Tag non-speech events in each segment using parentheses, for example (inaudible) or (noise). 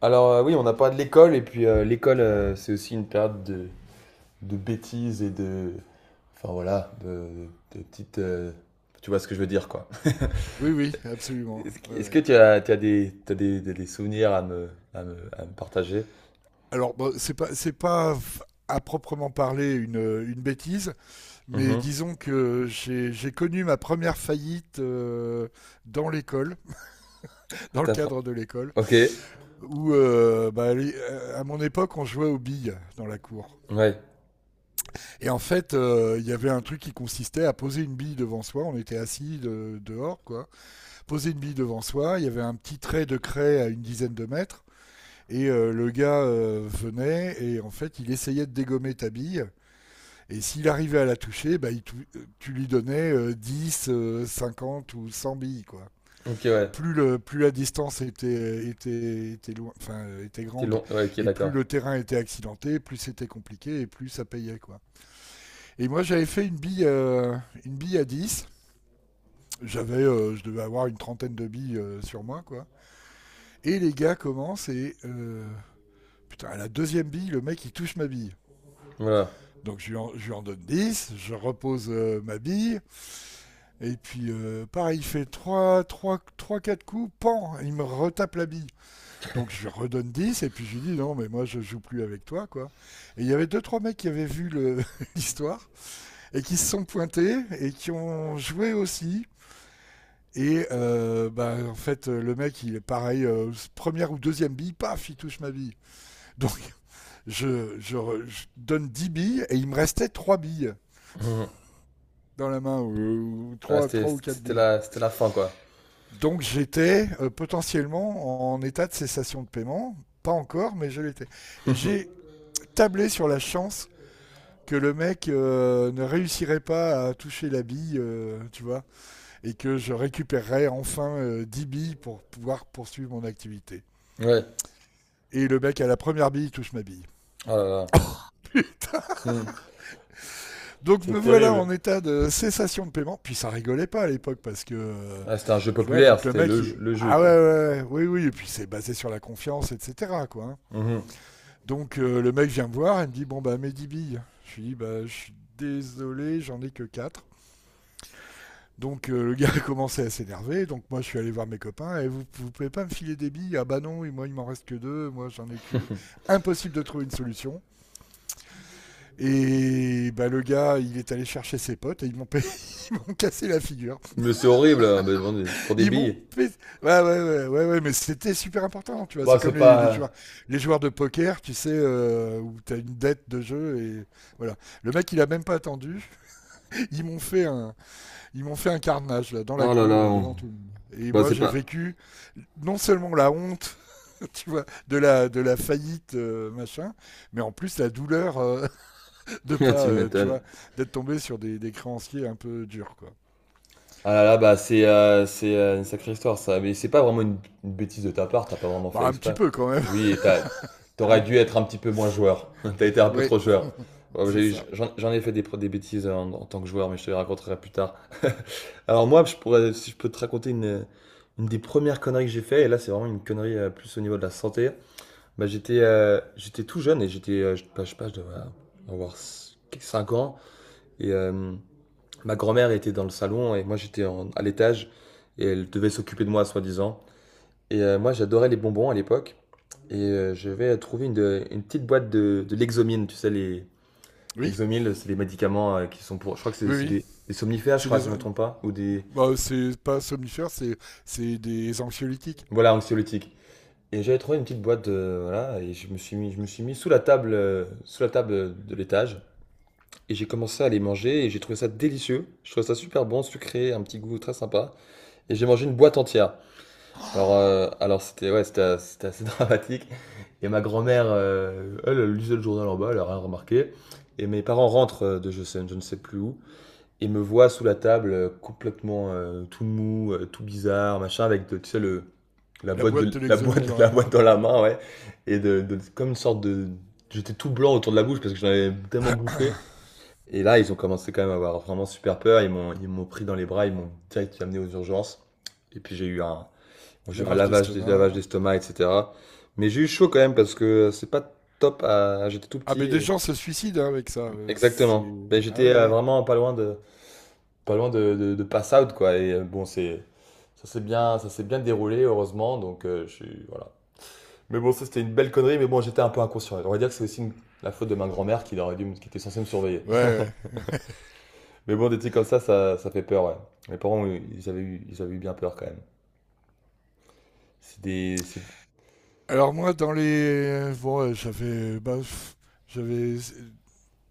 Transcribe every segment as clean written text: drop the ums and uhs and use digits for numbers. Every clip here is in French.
Alors oui, on a parlé de l'école et puis l'école, c'est aussi une période de bêtises et de, enfin voilà, de petites, tu vois ce que je veux dire quoi. Oui, oui, absolument. Est-ce que, Ouais, est-ce que ouais. tu as des, t'as des souvenirs à me partager? Alors, bon, c'est pas f- à proprement parler une bêtise, mais Mhm. disons que j'ai connu ma première faillite dans l'école, dans le T'as pr- cadre de l'école, Ok. où bah, à mon époque on jouait aux billes dans la cour. Ouais. Et en fait, il y avait un truc qui consistait à poser une bille devant soi, on était assis dehors, quoi. Poser une bille devant soi, il y avait un petit trait de craie à une dizaine de mètres. Et le gars venait et en fait, il essayait de dégommer ta bille. Et s'il arrivait à la toucher, bah, tu lui donnais 10, 50 ou 100 billes, quoi. Ok, ouais. Plus la distance était loin, enfin, était C'était grande long. Ouais. Ok, et plus d'accord. le terrain était accidenté, plus c'était compliqué et plus ça payait, quoi. Et moi, j'avais fait une bille à 10. Je devais avoir une trentaine de billes sur moi, quoi. Et les gars commencent putain, à la deuxième bille, le mec, il touche ma bille. Voilà. Donc je lui en donne 10, je repose ma bille, et puis pareil, il fait 3 3, 3, 4 coups, pan, il me retape la bille. Donc je lui redonne 10 et puis je lui dis non, mais moi je joue plus avec toi, quoi. Et il y avait deux trois mecs qui avaient vu l'histoire, (laughs) et qui se sont pointés, et qui ont joué aussi. Et en fait, le mec, il est pareil, première ou deuxième bille, paf, il touche ma bille. Donc je, je je donne 10 billes, et il me restait 3 billes Mhm. dans la main, ou Ah, trois c'était, ou quatre c'était billes. la, c'était la fin quoi. Donc j'étais potentiellement en état de cessation de paiement, pas encore, mais je l'étais. Et j'ai tablé sur la chance que le mec ne réussirait pas à toucher la bille, tu vois, et que je récupérerais enfin 10 billes pour pouvoir poursuivre mon activité. Ouais. Et le mec à la première bille touche ma bille. Oh là là. Mhm. Donc me C'est voilà terrible. en état de cessation de paiement. Puis ça rigolait pas à l'époque parce que, Ah, c'était un jeu tu vois, populaire. donc C'était le, le jeu ah ouais, quoi. ouais, ouais, oui, oui, et puis c'est basé sur la confiance, etc., quoi, hein. Mhm. Donc le mec vient me voir et me dit, bon, bah, mes 10 billes. Je lui dis, bah, je suis désolé, j'en ai que 4. Donc le gars (laughs) a commencé à s'énerver, donc moi je suis allé voir mes copains, et vous, vous pouvez pas me filer des billes. Ah bah non, et moi il m'en reste que deux, moi j'en ai que... Impossible de trouver une solution. Et bah le gars, il est allé chercher ses potes, et (laughs) ils m'ont cassé la figure. Mais c'est horrible, hein, mais bon, pour des billes. Ouais, ouais, ouais, ouais, ouais, mais c'était super important, tu vois. Bah, C'est comme c'est les, pas. les joueurs, les joueurs de poker, tu sais, où t'as une dette de jeu et voilà. Le mec, il a même pas attendu. Ils m'ont fait un, ils m'ont fait un carnage là dans la Oh là là, cour devant tout le monde. Et bah moi, c'est j'ai pas. vécu non seulement la honte, (laughs) tu vois, de la faillite machin, mais en plus la douleur (laughs) de (laughs) Ah, pas, tu tu m'étonnes. vois, d'être tombé sur des créanciers un peu durs, quoi. Ah là là, bah c'est une sacrée histoire ça. Mais c'est pas vraiment une bêtise de ta part, t'as pas vraiment fait Bah, un petit exprès. peu quand même, Oui, et t'aurais (laughs) dû hein. être un petit peu moins joueur. (laughs) T'as été un peu Ouais, trop joueur. Ouais, bah, c'est ça. J'en ai fait des, des bêtises en, en tant que joueur, mais je te les raconterai plus tard. Alors moi, je pourrais, si je peux te raconter une des premières conneries que j'ai fait, et là c'est vraiment une connerie plus au niveau de la santé. Bah, j'étais tout jeune et je sais pas, je devais avoir 5 ans. Et ma grand-mère était dans le salon et moi j'étais à l'étage et elle devait s'occuper de moi, soi-disant. Et moi j'adorais les bonbons à l'époque. Et je vais trouver une petite boîte de Lexomil, tu sais, les Oui, Lexomil, c'est des médicaments qui sont pour. Je crois que c'est oui, c'est oui. Des somnifères, je C'est crois, des. si je me trompe pas, ou des. Bah, c'est pas somnifère, c'est des anxiolytiques. Voilà, anxiolytiques. Et j'avais trouvé une petite boîte, voilà, et je me suis mis sous la table de l'étage. Et j'ai commencé à les manger et j'ai trouvé ça délicieux. Je trouvais ça super bon, sucré, un petit goût très sympa. Et j'ai mangé une boîte entière. (gasps) Alors, euh, Oh, alors c'était ouais, c'était as- c'était assez (laughs) dramatique. Et ma grand-mère, elle lisait le journal en bas, elle a rien remarqué. Et mes parents rentrent de je ne sais plus où et me voient sous la table complètement tout mou, tout bizarre, machin, avec tu sais, le, la la boîte boîte de de la l'exomil boîte (laughs) dans de la la boîte main, dans la main, ouais. Et comme une sorte de... J'étais tout blanc autour de la bouche parce que j'en avais tellement bouffé. Et là, ils ont commencé quand même à avoir vraiment super peur. Ils m'ont pris dans les bras, ils m'ont direct amené aux urgences. Et puis j'ai eu un lavage lavage, des lavages d'estomac. d'estomac, etc. Mais j'ai eu chaud quand même parce que c'est pas top. J'étais tout Ah, petit. mais des gens se suicident hein, avec ça. Exactement. C'est. Ben, Ah j'étais oui, oui. vraiment pas loin de pass out quoi. Et bon, c'est, ça s'est bien déroulé heureusement. Je suis, voilà. Mais bon, ça c'était une belle connerie. Mais bon, j'étais un peu inconscient. On va dire que la faute de ma grand-mère qui était censée me surveiller. Ouais, ouais. Mais bon, des trucs comme ça, ça fait peur, ouais. Mes parents, oui, ils avaient eu bien peur quand même. C'est des. C'est- Alors, moi, dans les. Bon, j'avais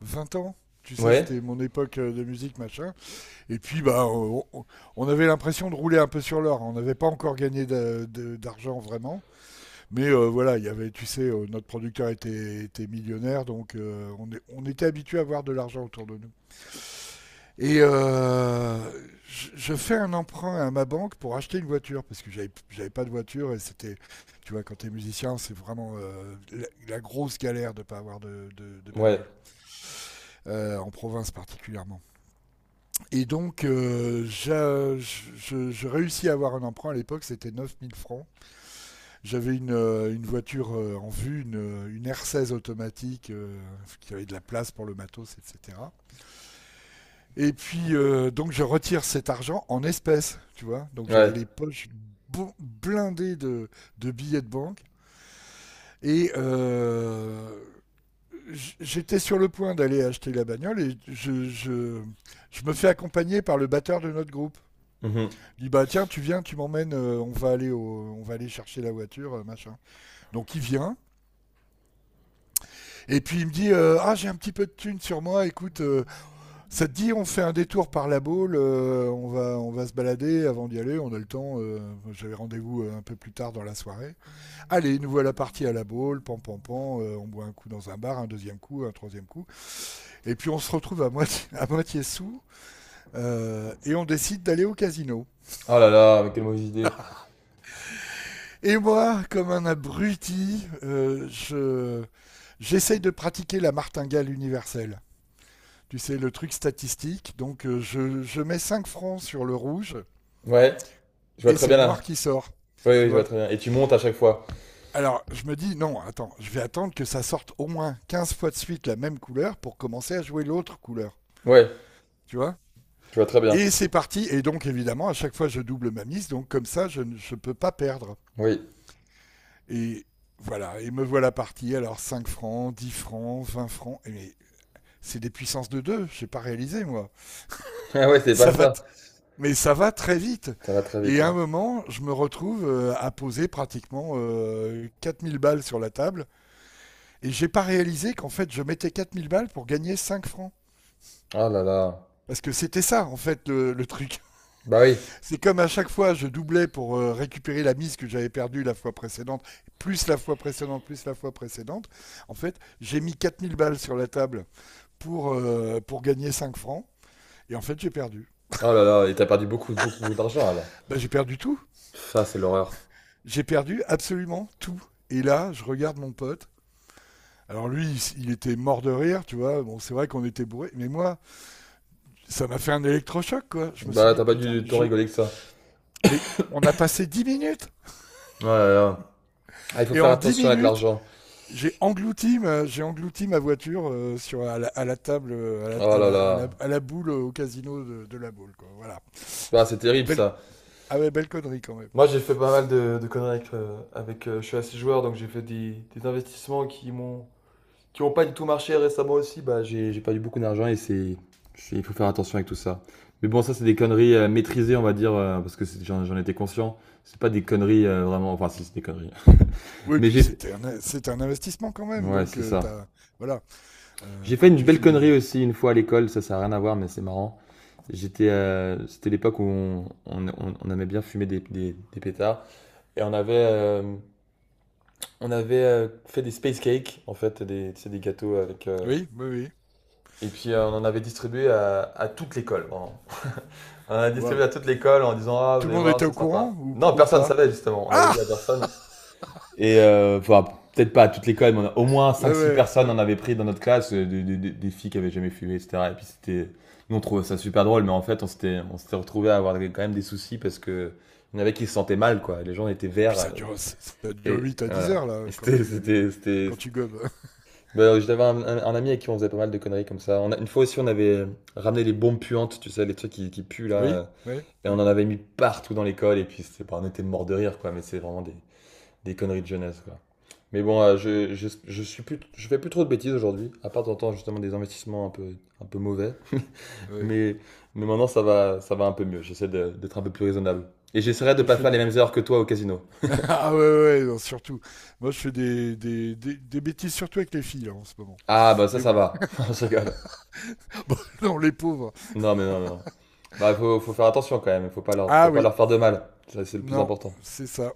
20 ans. Tu sais, Ouais, c'était mon époque de musique, machin. Et puis, bah, on avait l'impression de rouler un peu sur l'or. On n'avait pas encore gagné d'argent vraiment. Mais voilà, il y avait, tu sais, notre producteur était millionnaire, donc on était habitué à avoir de l'argent autour de nous. Et je fais un emprunt à ma banque pour acheter une voiture, parce que j'avais pas de voiture et c'était, tu vois, quand t'es musicien, c'est vraiment la grosse galère de pas avoir de ouais, bagnole, en province particulièrement. Et donc, je réussis à avoir un emprunt à l'époque, c'était 9 000 francs. J'avais une voiture en vue, une R16 automatique qui avait de la place pour le matos, etc. Et puis, donc, je retire cet argent en espèces, tu vois. Donc, ouais. j'avais les poches blindées de billets de banque. Et j'étais sur le point d'aller acheter la bagnole et je me fais accompagner par le batteur de notre groupe. Mhm. Il dit, bah tiens, tu viens, tu m'emmènes, on va aller chercher la voiture, machin. Donc il vient, et puis il me dit ah, j'ai un petit peu de thune sur moi, écoute, ça te dit, on fait un détour par la boule, on va se balader avant d'y aller, on a le temps, j'avais rendez-vous un peu plus tard dans la soirée. Allez, nous voilà partis à la boule, pam pam pam, on boit un coup dans un bar, un deuxième coup, un troisième coup, et puis on se retrouve à moitié sous, et on décide d'aller au casino. Oh là là, mais quelle mauvaise idée. Et moi, comme un abruti, j'essaye de pratiquer la martingale universelle. Tu sais, le truc statistique. Donc, je mets 5 francs sur le rouge Ouais, je vois et très c'est bien le noir là. qui sort. Oui, Tu oui, je vois vois. très bien. Et tu montes à chaque fois. Alors, je me dis, non, attends, je vais attendre que ça sorte au moins 15 fois de suite la même couleur pour commencer à jouer l'autre couleur. Ouais, Tu vois. je vois très bien. Et c'est parti. Et donc, évidemment, à chaque fois, je double ma mise. Donc, comme ça, je ne je peux pas perdre. Oui. (laughs) Et voilà. Et me voilà parti. Alors, 5 francs, 10 francs, 20 francs. Et mais c'est des puissances de 2. Je n'ai pas réalisé, moi. Ah ouais, c'est Ça pas va, ça. mais ça va très vite. Ça va très vite, Et à ouais. un moment, je me retrouve à poser pratiquement 4 000 balles sur la table. Et j'ai pas réalisé qu'en fait, je mettais 4000 balles pour gagner 5 francs. Oh là là. Parce que c'était ça, en fait, le truc. Bah oui. (laughs) C'est comme à chaque fois, je doublais pour récupérer la mise que j'avais perdue la fois précédente, plus la fois précédente, plus la fois précédente. En fait, j'ai mis 4 000 balles sur la table pour gagner 5 francs. Et en fait, j'ai perdu. Oh là là, et t'as perdu beaucoup, beaucoup d'argent là. Bah, j'ai perdu tout. Ça, c'est l'horreur. J'ai perdu absolument tout. Et là, je regarde mon pote. Alors lui, il était mort de rire, tu vois. Bon, c'est vrai qu'on était bourré, mais moi, ça m'a fait un électrochoc, quoi. Je me suis Bah, dit, t'as pas putain, dû t'en je. rigoler que ça. Mais on a passé 10 minutes Oh là là. Ah, il faut et faire en 10 attention avec minutes, l'argent. J'ai englouti ma voiture à la table, Oh à la, à là la- à là. la- à la boule au casino de la boule, quoi. Voilà. Bah, c'est terrible Belle, ça. ah ouais, belle connerie quand même. Moi, j'ai fait pas mal de conneries avec je suis assez joueur, donc j'ai fait des investissements qui ont pas du tout marché récemment aussi. Bah, j'ai perdu beaucoup d'argent et il faut faire attention avec tout ça. Mais bon, ça c'est des conneries maîtrisées, on va dire, parce que j'en étais conscient. C'est pas des conneries vraiment, enfin si c'est des conneries. (laughs) Oui, Mais puis j'ai fait- c'était un investissement quand même, ouais donc c'est ça. t'as, voilà, J'ai fait quand une tu belle joues de la. connerie aussi une fois à l'école. Ça a rien à voir, mais c'est marrant. C'était l'époque où on aimait bien fumer des pétards et on avait fait des space cakes, en fait, des gâteaux avec. Oui, oui, oui. Et puis on en avait distribué à toute l'école, vraiment. On en a distribué Waouh. à toute l'école en disant: Ah, vous Tout le allez monde voir, était c'est au courant sympa. ou, Non, ou personne ne pas? savait justement, on avait Ah! dit à personne. Et enfin, peut-être pas à toute l'école, mais au moins Ouais, cinq six ouais, personnes ouais. en avait pris dans notre classe, des filles qui avaient jamais fumé, etc. Et puis c'était. Nous on trouvait ça super drôle, mais en fait on s'était retrouvés à avoir quand même des soucis parce que il y en avait qui se sentaient mal, quoi. Les gens étaient Puis verts. Ça dure Et 8 à 10 voilà. heures, Et là, quand tu, c'était- quand tu gobes. (laughs) Bah, j'avais un ami avec qui on faisait pas mal de conneries comme ça. On a, une fois aussi, on avait ramené les bombes puantes, tu sais, les trucs qui puent là. Oui, oui, Et on oui, en avait mis partout dans l'école. Et puis, c'est pas, on était mort de rire, quoi. Mais c'est vraiment des conneries de jeunesse, quoi. Mais bon, je suis plus, je fais plus trop de bêtises aujourd'hui. À part, de temps en temps, justement, des investissements un peu mauvais. (laughs) oui. Mais, mais maintenant, ça va un peu mieux. D'être un peu plus Ah. raisonnable. Et j'essaierai de Moi, je pas fais faire les des. mêmes erreurs que toi au casino. (laughs) Ah ouais, ouais, ouais, non, surtout. Moi, je fais des bêtises, surtout avec les filles, là, en ce moment. Ah, bah ça, Mais ça bon. va. (laughs) Je rigole. (laughs) Bon, non, les pauvres. Non, mais non, mais non. Bah, faut faire attention quand même. Faut Ah pas oui, leur faire de mal. Ça, c'est le plus non, important. c'est ça.